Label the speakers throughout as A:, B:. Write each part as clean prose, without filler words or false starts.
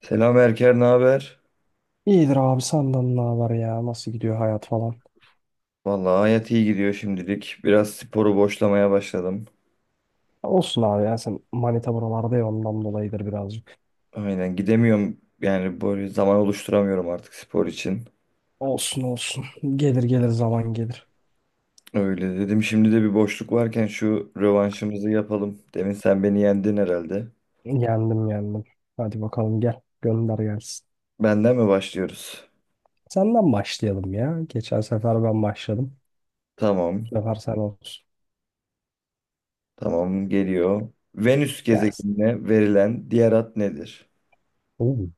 A: Selam Erker, ne haber?
B: İyidir abi, senden ne haber ya? Nasıl gidiyor hayat falan?
A: Vallahi hayat iyi gidiyor şimdilik. Biraz sporu boşlamaya başladım.
B: Olsun abi ya, sen manita buralarda ya, ondan dolayıdır birazcık.
A: Aynen gidemiyorum yani böyle zaman oluşturamıyorum artık spor için.
B: Olsun olsun. Gelir gelir, zaman gelir.
A: Öyle dedim şimdi de bir boşluk varken şu rövanşımızı yapalım. Demin sen beni yendin herhalde.
B: Yendim yendim. Hadi bakalım, gel. Gönder gelsin.
A: Benden mi başlıyoruz?
B: Senden başlayalım ya. Geçen sefer ben başladım.
A: Tamam,
B: Bu sefer sen olsun.
A: tamam geliyor. Venüs
B: Gelsin.
A: gezegenine verilen diğer ad nedir?
B: Oo,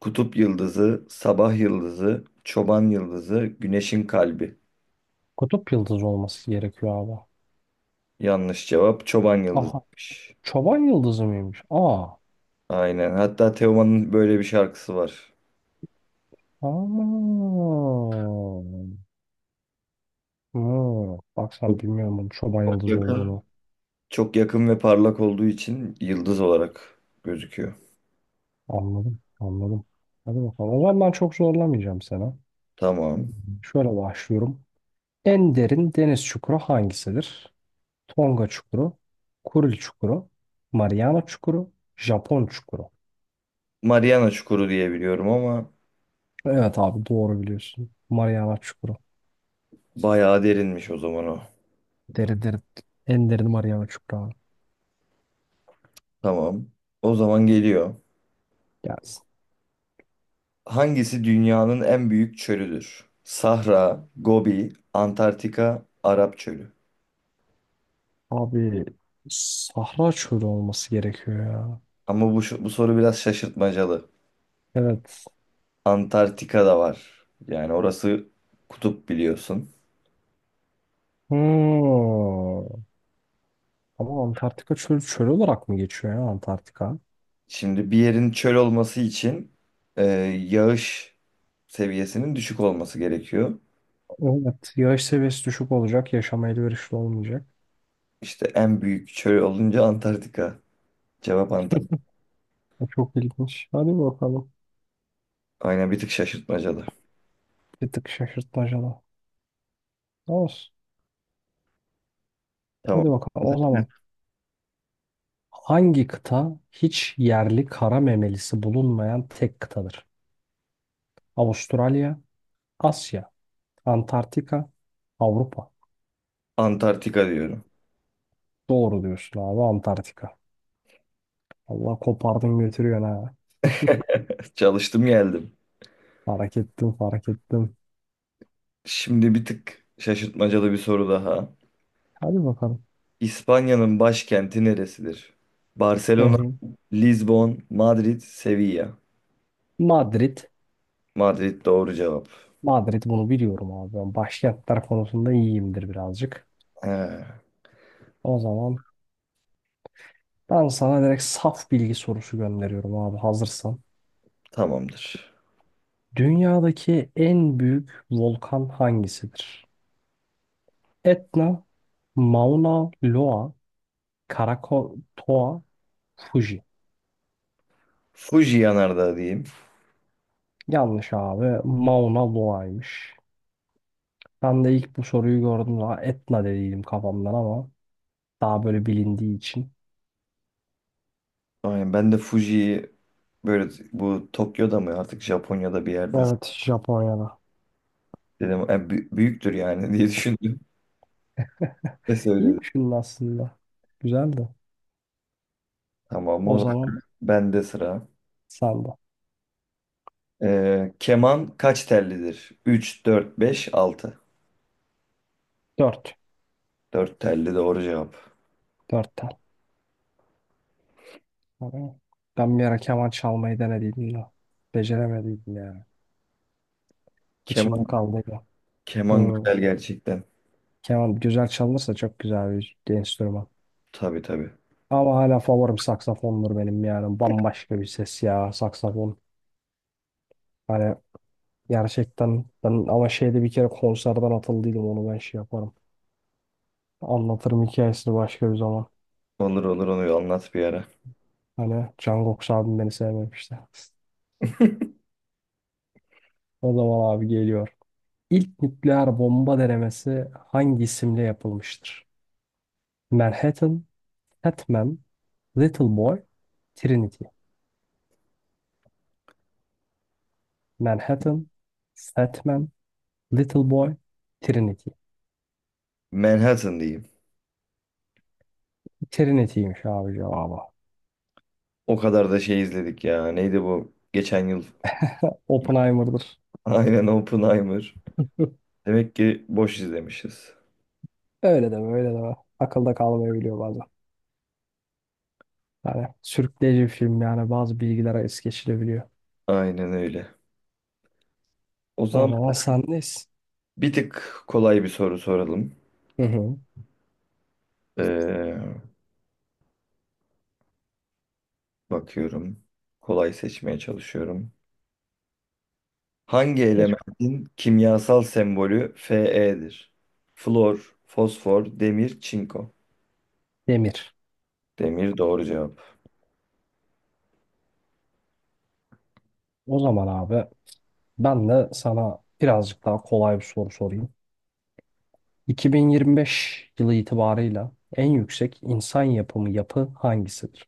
A: Kutup yıldızı, sabah yıldızı, çoban yıldızı, güneşin kalbi.
B: kutup yıldızı olması gerekiyor abi.
A: Yanlış cevap çoban
B: Aha.
A: yıldızıymış.
B: Çoban yıldızı mıymış? Aa.
A: Aynen. Hatta Teoman'ın böyle bir şarkısı var.
B: Aman. Hmm. Bak sen,
A: Çok
B: bilmiyorum bunun çoban yıldızı
A: yakın.
B: olduğunu.
A: Çok yakın ve parlak olduğu için yıldız olarak gözüküyor.
B: Anladım, anladım. Hadi bakalım. O zaman ben çok zorlamayacağım sana.
A: Tamam.
B: Şöyle başlıyorum. En derin deniz çukuru hangisidir? Tonga çukuru, Kuril çukuru, Mariana çukuru, Japon çukuru.
A: Mariana Çukuru diye biliyorum ama
B: Evet abi, doğru biliyorsun. Mariana çukuru.
A: bayağı derinmiş o zaman o.
B: Deri deri. En derin Mariana çukuru abi.
A: Tamam. O zaman geliyor.
B: Gelsin.
A: Hangisi dünyanın en büyük çölüdür? Sahra, Gobi, Antarktika, Arap Çölü.
B: Abi, Sahra çölü olması gerekiyor ya.
A: Ama bu soru biraz şaşırtmacalı.
B: Evet.
A: Antarktika da var. Yani orası kutup biliyorsun.
B: Hmm. Ama Antarktika çölü çöl olarak mı geçiyor ya, Antarktika?
A: Şimdi bir yerin çöl olması için e, yağış seviyesinin düşük olması gerekiyor.
B: Evet, yağış seviyesi düşük olacak, yaşama elverişli olmayacak.
A: İşte en büyük çöl olunca Antarktika. Cevap Antarktika.
B: O çok ilginç. Hadi bakalım.
A: Aynen bir tık şaşırtmacalı.
B: Bir tık şaşırtmacalı. Olsun.
A: Tamam.
B: Hadi bakalım. O zaman hangi kıta hiç yerli kara memelisi bulunmayan tek kıtadır? Avustralya, Asya, Antarktika, Avrupa.
A: Antarktika diyorum.
B: Doğru diyorsun abi, Antarktika. Allah, kopardın götürüyorsun ha.
A: Çalıştım geldim.
B: Fark ettim, fark ettim.
A: Şimdi bir tık şaşırtmacalı bir soru daha.
B: Hadi bakalım.
A: İspanya'nın başkenti neresidir?
B: Hı
A: Barcelona,
B: hı.
A: Lisbon, Madrid, Sevilla.
B: Madrid.
A: Madrid doğru cevap.
B: Madrid, bunu biliyorum abi. Ben başkentler konusunda iyiyimdir birazcık.
A: He,
B: O zaman ben sana direkt saf bilgi sorusu gönderiyorum abi, hazırsan.
A: tamamdır.
B: Dünyadaki en büyük volkan hangisidir? Etna, Mauna Loa, Krakatoa, Fuji.
A: Fuji yanardağı diyeyim.
B: Yanlış abi. Mauna Loa'ymış. Ben de ilk bu soruyu gördüm, daha Etna dediydim kafamdan ama daha böyle bilindiği için.
A: Aynen ben de Fuji'yi böyle bu Tokyo'da mı artık Japonya'da bir yerde
B: Evet, Japonya'da.
A: dedim, büyüktür yani diye düşündüm ve söyledim.
B: İyi düşündün aslında. Güzeldi.
A: Tamam o
B: O zaman
A: zaman bende sıra.
B: sen de.
A: Keman kaç tellidir? 3, 4, 5, 6.
B: Dört.
A: 4 telli doğru cevap.
B: 4. Ama ben bir ara keman çalmayı denediydim de. Beceremediydim yani. İçimde
A: Keman,
B: kaldıydı.
A: keman
B: Hmm.
A: güzel gerçekten.
B: Keman güzel çalınırsa çok güzel bir enstrüman.
A: Tabii, tabii.
B: Ama hala favorim saksafondur benim yani. Bambaşka bir ses ya, saksafon. Hani gerçekten ben ama şeyde bir kere konserden atıldıydım, onu ben şey yaparım. Anlatırım hikayesini başka bir zaman.
A: Olur, olur, onu anlat bir ara.
B: Hani Can Goks abim beni sevmemişti. O zaman abi geliyor. İlk nükleer bomba denemesi hangi isimle yapılmıştır? Manhattan, Batman, Little Boy, Trinity. Manhattan, Batman, Little Boy, Trinity.
A: Manhattan diyeyim.
B: Trinity'ymiş abi cevabı.
A: O kadar da şey izledik ya. Neydi bu? Geçen yıl.
B: Oppenheimer'dır.
A: Aynen Oppenheimer. Demek ki boş izlemişiz.
B: Öyle deme, öyle deme. Akılda kalmayabiliyor bazen. Yani sürükleyici bir film, yani bazı bilgilere es geçilebiliyor.
A: Aynen öyle. O
B: O
A: zaman
B: zaman sendeyiz.
A: bir tık kolay bir soru soralım.
B: Hı hı.
A: Ee, bakıyorum. Kolay seçmeye çalışıyorum. Hangi
B: Ve çok
A: elementin kimyasal sembolü Fe'dir? Flor, fosfor, demir, çinko.
B: demir.
A: Demir doğru cevap.
B: O zaman abi, ben de sana birazcık daha kolay bir soru sorayım. 2025 yılı itibarıyla en yüksek insan yapımı yapı hangisidir?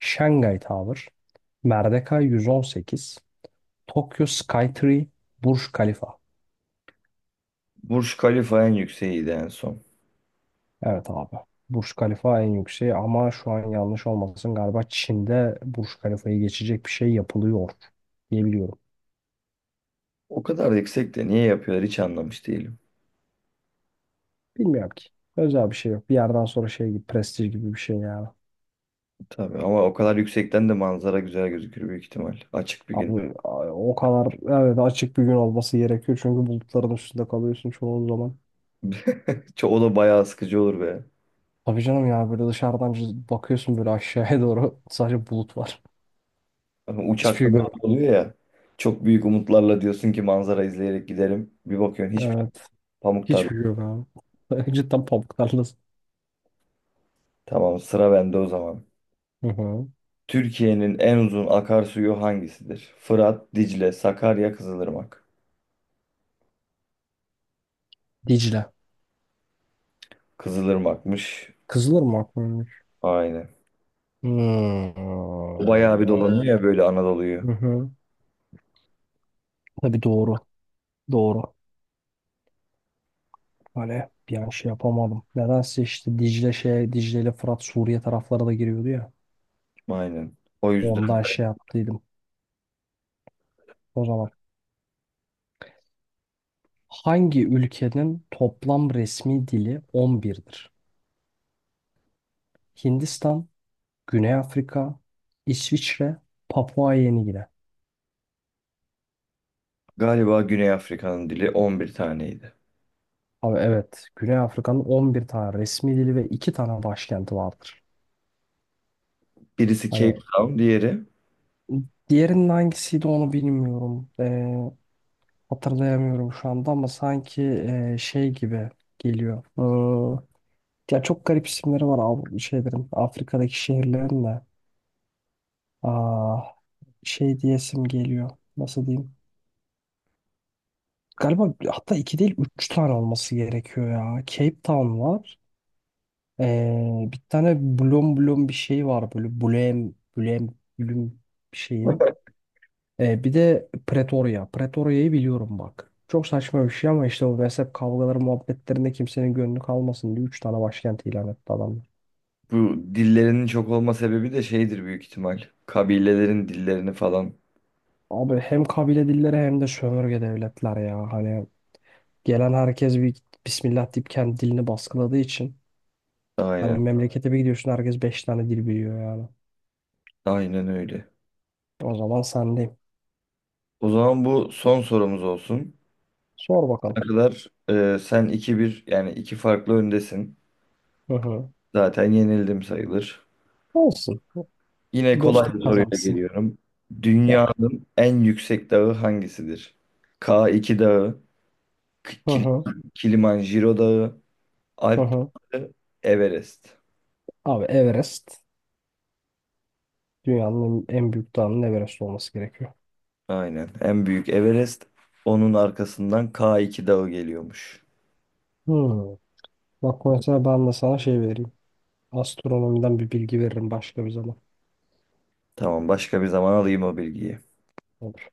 B: Şangay Tower, Merdeka 118, Tokyo Skytree, Burj Khalifa.
A: Burj Khalifa en yükseğiydi en son.
B: Evet abi. Burj Khalifa en yükseği, ama şu an yanlış olmasın, galiba Çin'de Burj Khalifa'yı geçecek bir şey yapılıyor diye biliyorum.
A: O kadar yüksek de niye yapıyorlar hiç anlamış değilim.
B: Bilmiyorum ki. Özel bir şey yok. Bir yerden sonra şey gibi, prestij gibi bir şey yani.
A: Tabii ama o kadar yüksekten de manzara güzel gözükür büyük ihtimal. Açık bir gün.
B: Abi, o kadar evet, açık bir gün olması gerekiyor çünkü bulutların üstünde kalıyorsun çoğu zaman.
A: O da bayağı sıkıcı olur be.
B: Tabii canım ya, böyle dışarıdan bakıyorsun böyle aşağıya doğru sadece bulut var.
A: Ama
B: Hiçbir
A: uçakta
B: şey
A: da oluyor ya. Çok büyük umutlarla diyorsun ki manzara izleyerek giderim. Bir bakıyorsun hiçbir şey.
B: görmüyorum.
A: Pamuk
B: Hiçbir
A: tarla.
B: şey yok abi. Cidden pamuk tarlası.
A: Tamam sıra bende o zaman.
B: Hı hı.
A: Türkiye'nin en uzun akarsuyu hangisidir? Fırat, Dicle, Sakarya, Kızılırmak.
B: Dicle.
A: Kızılırmak'mış.
B: Kızılırmak mıymış?
A: Aynen.
B: Hmm.
A: Bayağı bir dolanıyor ya böyle Anadolu'yu.
B: Hı hı. Tabii, doğru. Doğru. Hani bir an şey yapamadım. Nedense işte Dicle şey, Dicle ile Fırat Suriye taraflara da giriyordu ya.
A: Aynen. O yüzden
B: Ondan şey yaptıydım. O zaman hangi ülkenin toplam resmi dili 11'dir? Hindistan, Güney Afrika, İsviçre, Papua Yeni Gine.
A: galiba Güney Afrika'nın dili 11 taneydi.
B: Abi, evet. Güney Afrika'nın 11 tane resmi dili ve 2 tane başkenti vardır.
A: Birisi Cape
B: Hani
A: Town, diğeri
B: diğerinin hangisiydi onu bilmiyorum. Hatırlayamıyorum şu anda ama sanki şey gibi geliyor. Ya çok garip isimleri var abi şeylerin. Afrika'daki şehirlerin de. Aa, şey diyesim geliyor. Nasıl diyeyim? Galiba hatta 2 değil 3 tane olması gerekiyor ya. Cape Town var. Bir tane blom blom bir şey var, böyle blem blem blüm bir şeyi. Bir de Pretoria. Pretoria'yı biliyorum bak. Çok saçma bir şey ama işte o mezhep kavgaları muhabbetlerinde kimsenin gönlü kalmasın diye 3 tane başkent ilan etti adamlar.
A: bu dillerinin çok olma sebebi de şeydir büyük ihtimal. Kabilelerin dillerini falan.
B: Abi hem kabile dilleri hem de sömürge devletler ya. Hani gelen herkes bir Bismillah deyip kendi dilini baskıladığı için. Hani
A: Aynen.
B: memlekete bir gidiyorsun, herkes 5 tane dil biliyor yani.
A: Aynen öyle.
B: O zaman sendeyim.
A: O zaman bu son sorumuz olsun.
B: Sor bakalım.
A: Ne kadar sen 2-1 yani iki farklı öndesin.
B: Hı hı.
A: Zaten yenildim sayılır.
B: Olsun.
A: Yine kolay bir
B: Dostluk
A: soruyla
B: kazansın.
A: geliyorum.
B: Gel.
A: Dünyanın en yüksek dağı hangisidir? K2 Dağı, K-
B: Hı
A: Kil-
B: hı.
A: Kilimanjaro Dağı,
B: Hı
A: Alp
B: hı.
A: Dağı, Everest.
B: Abi, Everest. Dünyanın en büyük dağının Everest olması gerekiyor.
A: Aynen. En büyük Everest. Onun arkasından K2 Dağı geliyormuş.
B: Hmm. Bak mesela ben de sana şey vereyim. Astronomiden bir bilgi veririm başka bir zaman.
A: Tamam, başka bir zaman alayım o bilgiyi.
B: Olur.